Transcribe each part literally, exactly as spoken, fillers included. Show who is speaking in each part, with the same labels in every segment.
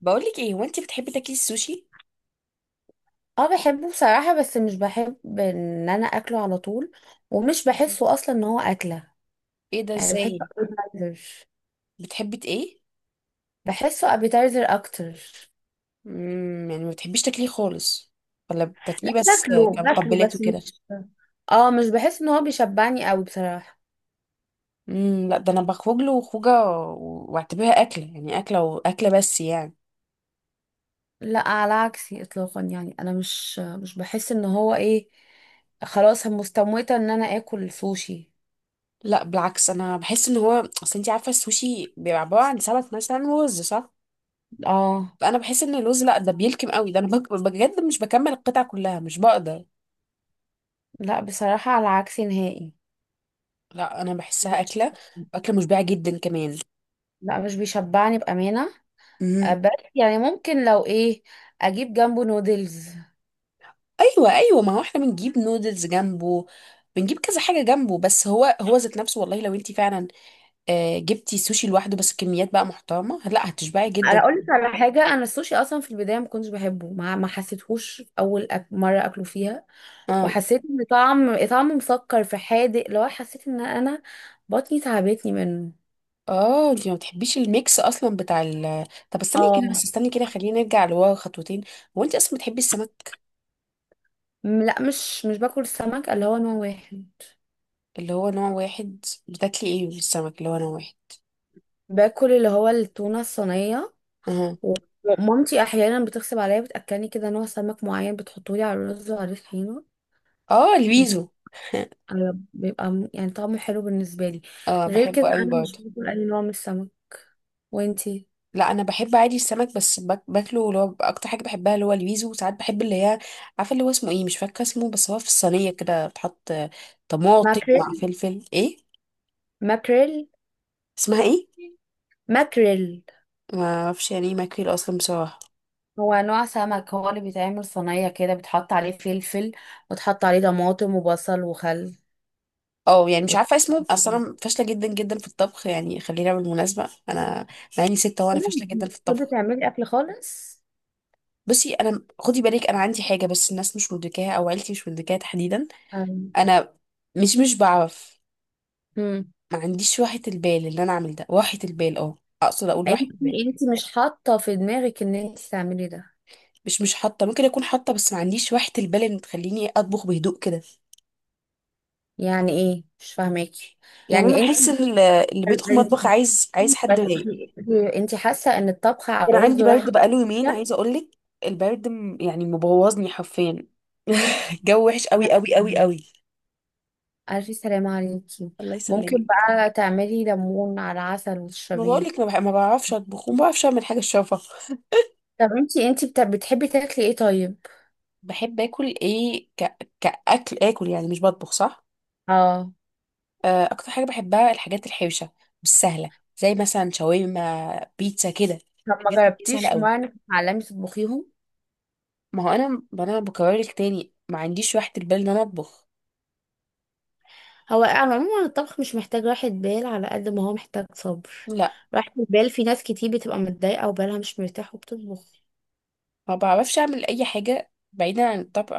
Speaker 1: بقولك ايه، هو انت بتحبي تاكلي السوشي؟
Speaker 2: اه، بحبه بصراحة، بس مش بحب ان انا اكله على طول. ومش بحسه اصلا ان هو اكلة.
Speaker 1: ايه ده؟
Speaker 2: يعني بحسه
Speaker 1: ازاي؟
Speaker 2: ابيتايزر.
Speaker 1: بتحبي ت- ايه؟
Speaker 2: بحسه ابيتايزر اكتر.
Speaker 1: امم يعني ما بتحبيش تاكليه خالص ولا بتاكليه
Speaker 2: لا،
Speaker 1: بس
Speaker 2: باكله باكله،
Speaker 1: كمقبلات
Speaker 2: بس
Speaker 1: وكده؟
Speaker 2: مش. اه، مش بحس ان هو بيشبعني قوي بصراحة.
Speaker 1: امم لا، ده انا بخرج له خوجه و- واعتبرها اكله، يعني اكله واكله بس يعني.
Speaker 2: لا، على عكسي اطلاقا. يعني انا مش مش بحس ان هو ايه. خلاص، أنا مستموتة ان انا اكل سوشي.
Speaker 1: لا بالعكس، انا بحس ان هو اصل انت عارفه السوشي بيبقى عباره عن سمك مثلا ورز، صح؟
Speaker 2: اه.
Speaker 1: فانا بحس ان الرز لا ده بيلكم قوي، ده انا بك- بجد مش بكمل القطعه كلها، مش بقدر.
Speaker 2: لا، بصراحة على عكسي نهائي.
Speaker 1: لا انا بحسها
Speaker 2: مش-
Speaker 1: اكله، اكله مشبعه جدا كمان.
Speaker 2: لا، مش بيشبعني بأمانة. آه، بس يعني ممكن لو ايه. اجيب جنبه نودلز.
Speaker 1: ايوه ايوه، ما هو احنا بنجيب نودلز جنبه، بنجيب كذا حاجه جنبه، بس هو هو ذات نفسه والله لو انت فعلا آه، جبتي سوشي لوحده بس كميات بقى محترمه لا هتشبعي
Speaker 2: انا
Speaker 1: جدا.
Speaker 2: اقول لك على حاجه. انا السوشي اصلا في البدايه ما كنتش بحبه. ما, ما حسيتهوش اول أك... مره اكله فيها.
Speaker 1: اه
Speaker 2: وحسيت ان طعم طعمه مسكر في حادق. لو حسيت ان انا بطني تعبتني منه.
Speaker 1: اه، انت ما بتحبيش الميكس اصلا بتاع ال... طب استني كده،
Speaker 2: اه.
Speaker 1: بس استني كده، خلينا نرجع لورا خطوتين. هو انت اصلا بتحبي السمك؟
Speaker 2: م- لا، مش مش باكل السمك اللي هو نوع واحد.
Speaker 1: اللي هو نوع واحد؟ بتاكلي ايه من السمك اللي هو نوع واحد؟
Speaker 2: باكل اللي هو التونه الصينيه.
Speaker 1: اه،
Speaker 2: ومامتي احيانا بتغصب عليا، بتاكلني كده نوع سمك معين، بتحطولي على الرز وعلى الطحينه.
Speaker 1: اه الويزو.
Speaker 2: أنا بيبقى م- يعني طعمه حلو بالنسبة لي.
Speaker 1: اه
Speaker 2: غير كده
Speaker 1: بحبه قوي
Speaker 2: أنا مش
Speaker 1: برضه.
Speaker 2: باكل أي نوع من السمك. وانتي؟
Speaker 1: لا انا بحب عادي السمك، بس باك- باكله، اللي هو اكتر حاجه بحبها اللي هو الويزو، وساعات بحب اللي هي عارفه اللي هو اسمه ايه، مش فاكره اسمه، بس هو في الصينيه كده بتحط طماطم مع
Speaker 2: ماكريل.
Speaker 1: فلفل، ايه
Speaker 2: ماكريل.
Speaker 1: اسمها ايه؟
Speaker 2: ماكريل.
Speaker 1: ما اعرفش يعني ايه ماكريل اصلا بصراحه.
Speaker 2: هو نوع سمك، هو اللي بيتعمل صينية كده، بتحط عليه فلفل وتحط عليه طماطم وبصل وخل.
Speaker 1: اه يعني مش
Speaker 2: وت...
Speaker 1: عارفه اسمه اصلا، انا فاشله جدا جدا في الطبخ، يعني خلينا بالمناسبه انا يعني ستة وانا فاشله جدا في
Speaker 2: بتحبي
Speaker 1: الطبخ.
Speaker 2: تعملي أكل خالص؟
Speaker 1: بصي انا خدي بالك، انا عندي حاجه بس الناس مش مدركاها، او عيلتي مش مدركاها تحديدا.
Speaker 2: أم.
Speaker 1: انا مش مش بعرف.
Speaker 2: مم.
Speaker 1: ما عنديش راحة البال اللي انا اعمل ده راحة البال، اه اقصد اقول راحة بال.
Speaker 2: انتي انتي مش حاطة في دماغك ان انتي تعملي ده.
Speaker 1: مش مش حاطة، ممكن اكون حاطة، بس ما عنديش راحة البال اللي تخليني اطبخ بهدوء كده.
Speaker 2: يعني ايه؟ مش فاهماكي.
Speaker 1: يعني انا
Speaker 2: يعني انت
Speaker 1: بحس ان ال- اللي بيدخل
Speaker 2: انت
Speaker 1: مطبخ عايز، عايز حد رايق.
Speaker 2: انت حاسه ان الطبخ
Speaker 1: انا
Speaker 2: عاوز
Speaker 1: عندي
Speaker 2: له
Speaker 1: برد
Speaker 2: راحه.
Speaker 1: بقاله يومين عايزة اقول لك، البرد م- يعني مبوظني حرفيا. الجو وحش قوي قوي قوي
Speaker 2: نفسية؟
Speaker 1: قوي.
Speaker 2: ألف سلامة عليكي.
Speaker 1: الله
Speaker 2: ممكن
Speaker 1: يسلمك.
Speaker 2: بقى تعملي ليمون على عسل
Speaker 1: ما
Speaker 2: وتشربيه.
Speaker 1: بقولك ما, بح- ما بعرفش اطبخ وما بعرفش اعمل حاجة الشافة.
Speaker 2: طب انتي انتي بت- بتحبي تاكلي ايه طيب؟
Speaker 1: بحب اكل ايه ك... كاكل اكل، يعني مش بطبخ، صح؟
Speaker 2: اه.
Speaker 1: آه، اكتر حاجه بحبها الحاجات الحوشه، مش سهله، زي مثلا شاورما، بيتزا كده.
Speaker 2: طب ما
Speaker 1: الحاجات دي سهله
Speaker 2: جربتيش
Speaker 1: قوي؟
Speaker 2: مرة انك تتعلمي تطبخيهم؟
Speaker 1: ما هو انا انا بكرر لك تاني، ما عنديش راحه البال ان انا اطبخ.
Speaker 2: هو على العموم الطبخ مش محتاج راحة بال على قد ما هو محتاج صبر.
Speaker 1: لا
Speaker 2: راحة البال، في ناس كتير بتبقى متضايقة وبالها مش مرتاح وبتطبخ.
Speaker 1: ما بعرفش اعمل اي حاجه بعيدا عن الطبخ،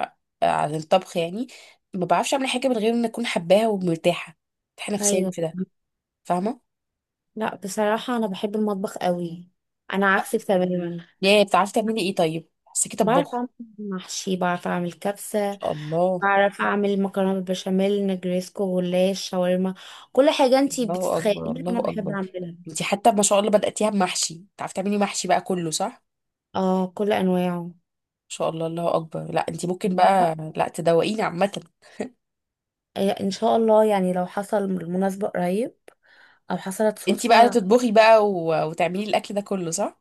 Speaker 1: آه، عن الطبخ يعني. ما بعرفش اعمل حاجه من غير ان اكون حباها ومرتاحه، مرتاحه نفسيا
Speaker 2: أيوة.
Speaker 1: في ده، فاهمه.
Speaker 2: لا، بصراحة أنا بحب المطبخ قوي. أنا عكسك تماما.
Speaker 1: يا بتعرفي تعملي ايه طيب؟ حسيتي طباخه
Speaker 2: بعرف
Speaker 1: ما
Speaker 2: أعمل محشي، بعرف أعمل كبسة،
Speaker 1: شاء الله؟
Speaker 2: بعرف أعمل مكرونة بالبشاميل، نجريسكو، غلاش، شاورما. كل حاجة أنتي
Speaker 1: الله اكبر،
Speaker 2: بتتخيليها
Speaker 1: الله
Speaker 2: أنا بحب
Speaker 1: اكبر.
Speaker 2: أعملها.
Speaker 1: انتي حتى ما شاء الله بدأتيها بمحشي، بتعرفي تعملي محشي بقى كله، صح؟
Speaker 2: اه، كل أنواعه.
Speaker 1: شاء الله الله اكبر، لا انت ممكن بقى لا تدوقيني عامه.
Speaker 2: إيه، إن شاء الله يعني لو حصل المناسبة قريب، أو حصلت
Speaker 1: انت بقى
Speaker 2: صدفة.
Speaker 1: تطبخي بقى و... وتعملي الاكل ده كله، صح؟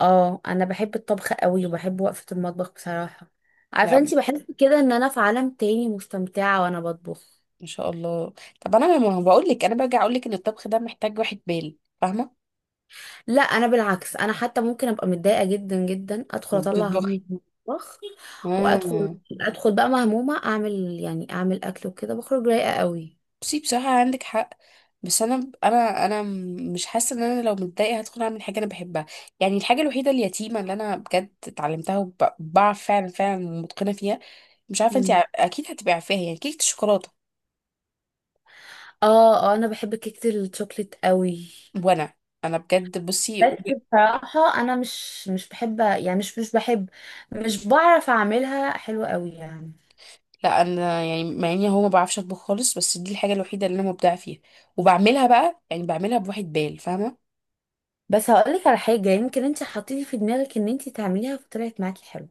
Speaker 2: اه، أنا بحب الطبخ قوي وبحب وقفة المطبخ بصراحة. عارفة
Speaker 1: لا
Speaker 2: أنتي، بحس كده إن أنا في عالم تاني مستمتعة وأنا بطبخ.
Speaker 1: ما شاء الله. طب انا ما بقول لك، انا برجع اقول لك ان الطبخ ده محتاج واحد بال، فاهمه.
Speaker 2: لا، انا بالعكس. انا حتى ممكن ابقى متضايقه جدا جدا، ادخل اطلع همي
Speaker 1: وبتطبخي.
Speaker 2: في المطبخ. وادخل.
Speaker 1: امم.
Speaker 2: ادخل بقى مهمومه اعمل، يعني اعمل اكل وكده بخرج رايقه قوي.
Speaker 1: بصي بصراحه عندك حق، بس انا انا انا م- مش حاسه ان انا لو متضايقه هدخل اعمل حاجه انا بحبها. يعني الحاجه الوحيده اليتيمه اللي انا بجد اتعلمتها وبعرف فعلا فعلا ومتقنه فيها، مش عارفه انت
Speaker 2: مم.
Speaker 1: اكيد هتبقى عارفاها، يعني كيكه الشوكولاته.
Speaker 2: اه، اه، انا بحب كيكه الشوكليت قوي.
Speaker 1: وانا، انا بجد بصي.
Speaker 2: بس بصراحه انا مش مش بحب، يعني مش مش بحب، مش بعرف اعملها حلوه قوي يعني.
Speaker 1: لا انا يعني مع اني هو ما بعرفش اطبخ خالص، بس دي الحاجه الوحيده اللي انا مبدعه فيها، وبعملها بقى، يعني بعملها بواحد بال، فاهمه.
Speaker 2: بس هقولك على حاجه. يمكن انت حطيتي في دماغك ان انت تعمليها فطلعت معاكي حلو.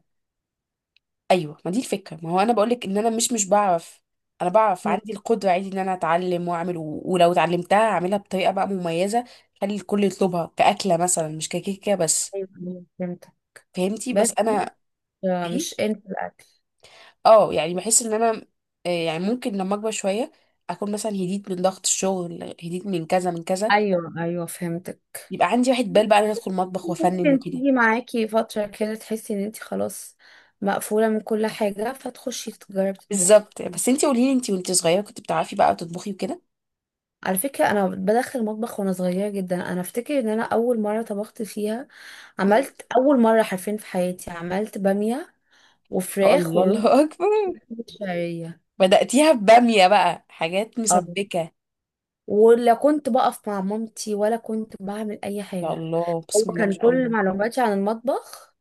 Speaker 1: ايوه، ما دي الفكره، ما هو انا بقولك ان انا مش مش بعرف. انا بعرف،
Speaker 2: مم.
Speaker 1: عندي القدره عادي ان انا اتعلم واعمل و... ولو اتعلمتها اعملها بطريقه بقى مميزه، خلي الكل يطلبها كاكله مثلا مش ككيكه بس.
Speaker 2: ايوه، أيوة، فهمتك.
Speaker 1: فهمتي؟
Speaker 2: بس
Speaker 1: بس انا
Speaker 2: آه،
Speaker 1: دي،
Speaker 2: مش انت الاكل.
Speaker 1: اه يعني بحس ان انا، آه، يعني ممكن لما اكبر شويه اكون مثلا هديت من ضغط الشغل، هديت من كذا من كذا،
Speaker 2: ايوه، ايوه، فهمتك.
Speaker 1: يبقى عندي واحد بال بقى ان انا ادخل مطبخ وافنن
Speaker 2: ممكن
Speaker 1: وكده.
Speaker 2: تيجي معاكي فترة كده تحسي ان انت خلاص مقفولة من كل حاجة فتخشي تجربي تطبخي.
Speaker 1: بالظبط. بس انتي قولي لي، انتي وانتي صغيره كنت بتعرفي بقى تطبخي وكده؟
Speaker 2: على فكرة انا بدخل المطبخ وانا صغيرة جدا. انا افتكر ان انا اول مرة طبخت فيها،
Speaker 1: مم.
Speaker 2: عملت اول مرة حرفيا في حياتي، عملت بامية
Speaker 1: يا
Speaker 2: وفراخ
Speaker 1: الله،
Speaker 2: ورز
Speaker 1: الله اكبر.
Speaker 2: شعرية.
Speaker 1: بدأتيها بباميه بقى، حاجات
Speaker 2: اه.
Speaker 1: مسبكه.
Speaker 2: ولا كنت بقف مع مامتي، ولا كنت بعمل اي
Speaker 1: يا
Speaker 2: حاجة.
Speaker 1: الله،
Speaker 2: هو
Speaker 1: بسم الله ما
Speaker 2: كان
Speaker 1: شاء
Speaker 2: كل
Speaker 1: الله.
Speaker 2: معلوماتي عن المطبخ،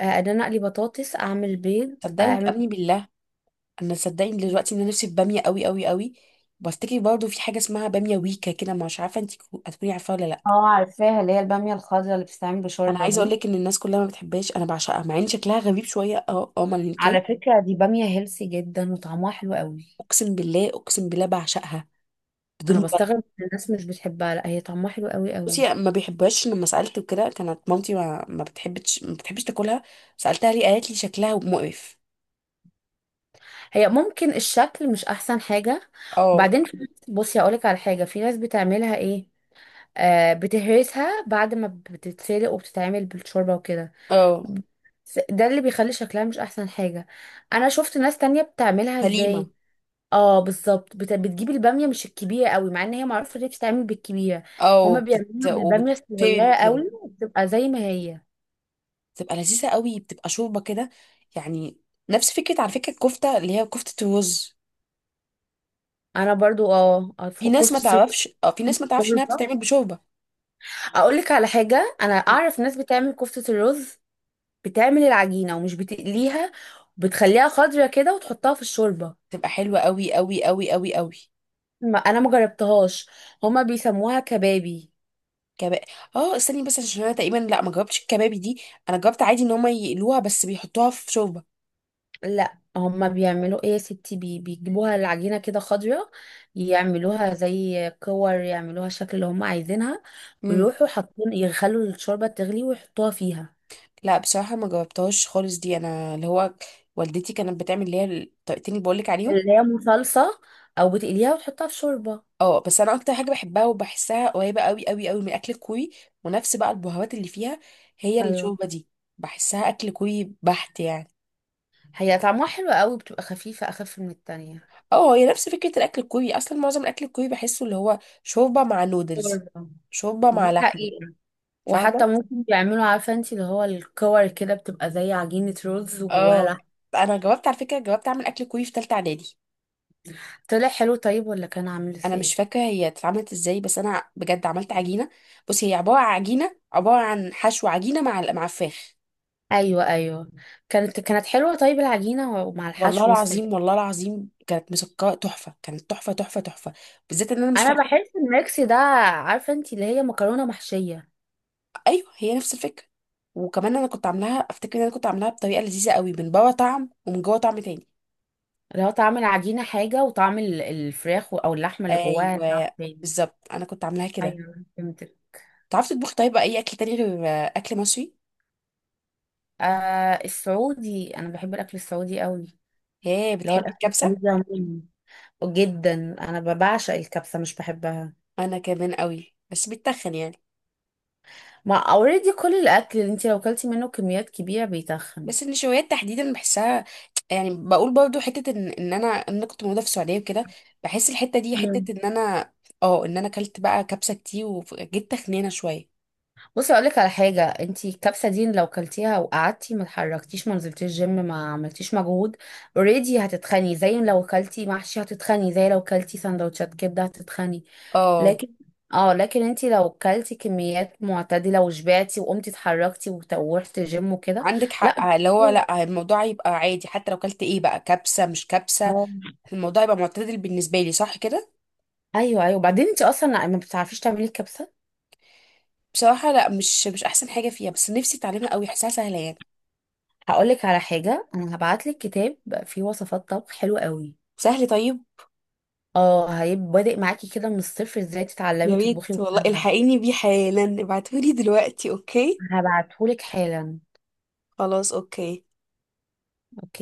Speaker 2: آه، ان انا اقلي بطاطس، اعمل بيض،
Speaker 1: صدقي
Speaker 2: اعمل.
Speaker 1: وتأمني بالله، انا صدقي دلوقتي ان انا نفسي في باميه قوي قوي قوي. بفتكر برضه في حاجه اسمها باميه ويكا كده، مش عارفه انت هتكوني عارفاها ولا لا.
Speaker 2: اه، عارفاها، اللي هي البامية الخضراء اللي بتتعمل
Speaker 1: انا
Speaker 2: بشوربة
Speaker 1: عايزه اقول
Speaker 2: دي.
Speaker 1: لك ان الناس كلها ما بتحبهاش، انا بعشقها مع ان شكلها غريب شويه. اه اه، ما كان.
Speaker 2: على فكرة دي بامية هيلسي جدا وطعمها حلو قوي.
Speaker 1: اقسم بالله اقسم بالله بعشقها
Speaker 2: انا
Speaker 1: بدون.
Speaker 2: بستغرب ان الناس مش بتحبها، لا هي طعمها حلو قوي قوي.
Speaker 1: بصي ما بيحبهاش، لما سألت وكده كانت مامتي ما, ما بتحبش، ما بتحبش تاكلها. سألتها ليه، قالت لي شكلها مقرف.
Speaker 2: هي ممكن الشكل مش احسن حاجة.
Speaker 1: اه،
Speaker 2: وبعدين في ناس- بصي اقولك على حاجة. في ناس بتعملها ايه، آه، بتهرسها بعد ما بتتسلق وبتتعمل بالشوربة وكده.
Speaker 1: اه.
Speaker 2: س- ده اللي بيخلي شكلها مش احسن حاجة. انا شفت ناس تانية بتعملها
Speaker 1: حليمة.
Speaker 2: ازاي. اه، بالظبط. بت... بتجيب البامية مش الكبيرة قوي، مع ان هي معروفة ان هي بتتعمل بالكبيرة.
Speaker 1: اه،
Speaker 2: هما
Speaker 1: وبتت
Speaker 2: بيعملوها بالبامية
Speaker 1: وبتتفهم
Speaker 2: الصغيرة
Speaker 1: كده،
Speaker 2: قوي وبتبقى زي ما هي.
Speaker 1: بتبقى لذيذة قوي، بتبقى شوربة كده يعني. نفس فكرة على فكرة الكفتة، اللي هي كفتة الرز.
Speaker 2: انا برضو، اه أف-
Speaker 1: في ناس ما
Speaker 2: كفتة
Speaker 1: تعرفش، اه في ناس ما تعرفش
Speaker 2: الرز
Speaker 1: انها
Speaker 2: ده.
Speaker 1: بتتعمل بشوربة.
Speaker 2: اقول لك على حاجة، انا اعرف ناس بتعمل كفتة الرز، بتعمل العجينة ومش بتقليها، بتخليها خضرة كده وتحطها في الشوربة.
Speaker 1: بتبقى حلوة قوي قوي قوي قوي قوي.
Speaker 2: ما انا ما جربتهاش. هما بيسموها كبابي.
Speaker 1: كباب. اه استني بس، عشان انا تقريبا لا ما جربتش الكبابي دي. انا جربت عادي ان هم يقلوها بس بيحطوها في شوربة.
Speaker 2: لا، هما بيعملوا ايه يا ستي، بي بيجيبوها العجينة كده خضرة، يعملوها زي كور، يعملوها الشكل اللي هما عايزينها، ويروحوا حاطين يخلوا الشوربة تغلي ويحطوها فيها.
Speaker 1: لا بصراحة ما جربتهاش خالص دي، انا اللي هو والدتي كانت بتعمل اللي هي الطريقتين اللي بقولك عليهم.
Speaker 2: اللي هي صلصة، او بتقليها وتحطها في شوربة.
Speaker 1: اه، بس انا اكتر حاجة بحبها وبحسها قريبة قوي قوي قوي من الاكل الكوري، ونفس بقى البهارات اللي فيها، هي
Speaker 2: ايوه.
Speaker 1: الشوربة دي بحسها اكل كوري بحت يعني.
Speaker 2: هي طعمها حلو قوي، بتبقى خفيفة أخف من التانية.
Speaker 1: اه هي نفس فكرة الاكل الكوري، اصلا معظم الاكل الكوري بحسه اللي هو شوربة مع نودلز،
Speaker 2: برضه.
Speaker 1: شوربة مع
Speaker 2: دي
Speaker 1: لحمة،
Speaker 2: حقيقة. وحتى
Speaker 1: فاهمة.
Speaker 2: ممكن بيعملوا، عارفة انتي، اللي هو الكور كده بتبقى زي عجينة رز وجواها
Speaker 1: اه
Speaker 2: لحم.
Speaker 1: انا جربت على فكرة، جربت اعمل اكل كوري في تالتة اعدادي.
Speaker 2: طلع حلو طيب ولا كان عامل
Speaker 1: انا مش
Speaker 2: ازاي؟
Speaker 1: فاكره هي اتعملت ازاي، بس انا بجد عملت عجينه. بصي هي عباره عن عجينه، عباره عن حشو عجينه مع مع فراخ.
Speaker 2: أيوة، أيوة. كانت كانت حلوة طيب العجينة، ومع
Speaker 1: والله
Speaker 2: الحشو والسلق.
Speaker 1: العظيم، والله العظيم كانت مسكره تحفه، كانت تحفه تحفه تحفه، بالذات ان انا مش
Speaker 2: أنا
Speaker 1: فاكره.
Speaker 2: بحس الميكس ده، عارفة انتي، اللي هي مكرونة محشية.
Speaker 1: ايوه هي نفس الفكره، وكمان انا كنت عاملاها افتكر ان انا كنت عاملاها بطريقه لذيذه قوي، من بره طعم ومن جوه طعم تاني.
Speaker 2: اللي هو طعم العجينة حاجة وطعم ال- الفراخ و- أو اللحمة اللي جواها طعم
Speaker 1: ايوه
Speaker 2: تاني.
Speaker 1: بالظبط، انا كنت عاملاها كده.
Speaker 2: أيوة، فهمتك.
Speaker 1: تعرفي تطبخ طيب اي اكل تاني غير آه، اكل مصري؟
Speaker 2: آه السعودي. أنا بحب الأكل السعودي قوي. اللي
Speaker 1: ايه
Speaker 2: هو
Speaker 1: بتحبي
Speaker 2: الاكل
Speaker 1: الكبسه؟
Speaker 2: الخليجي عموما. جدا. انا ب- بعشق الكبسه، مش بحبها.
Speaker 1: انا كمان قوي، بس بتخن يعني،
Speaker 2: ما اوريدي كل الاكل اللي انت لو كلتي منه كميات كبيره بيتخن.
Speaker 1: بس النشويات تحديدا بحسها، يعني بقول برضو حته ان ان انا ان انا كنت موجوده في السعوديه وكده، بحس الحته دي
Speaker 2: مم.
Speaker 1: حته ان انا اه ان انا اكلت بقى كبسه كتير وجيت تخنانه شويه.
Speaker 2: بصي اقول لك على حاجه. انت الكبسه دي لو كلتيها وقعدتي ما اتحركتيش، ما نزلتيش جيم، ما عملتيش مجهود، اوريدي هتتخني. زي لو كلتي محشي هتتخني، زي لو كلتي سندوتشات كبده هتتخني.
Speaker 1: اه
Speaker 2: لكن، اه، لكن انت لو كلتي كميات معتدله وشبعتي وقمتي اتحركتي وت- ورحتي جيم وكده.
Speaker 1: عندك
Speaker 2: لا.
Speaker 1: حق، اللي هو لا الموضوع يبقى عادي، حتى لو كلت ايه بقى كبسه مش كبسه
Speaker 2: اه.
Speaker 1: الموضوع يبقى معتدل بالنسبه لي، صح كده.
Speaker 2: ايوه، ايوه، وبعدين انت اصلا ما بتعرفيش تعملي الكبسه.
Speaker 1: بصراحه لا، مش مش احسن حاجه فيها، بس نفسي اتعلمها قوي، حاساها سهله يعني.
Speaker 2: هقولك على حاجه، انا هبعتلك كتاب فيه وصفات طبخ حلوه قوي.
Speaker 1: سهل طيب.
Speaker 2: اه، هيبقى بادئ معاكي كده من الصفر، ازاي
Speaker 1: يا
Speaker 2: تتعلمي
Speaker 1: ريت
Speaker 2: تطبخي
Speaker 1: والله،
Speaker 2: والكلام ده.
Speaker 1: الحقيني بيه حالا، ابعتولي دلوقتي. اوكي،
Speaker 2: هبعتهولك حالا.
Speaker 1: خلاص، اوكي.
Speaker 2: اوكي.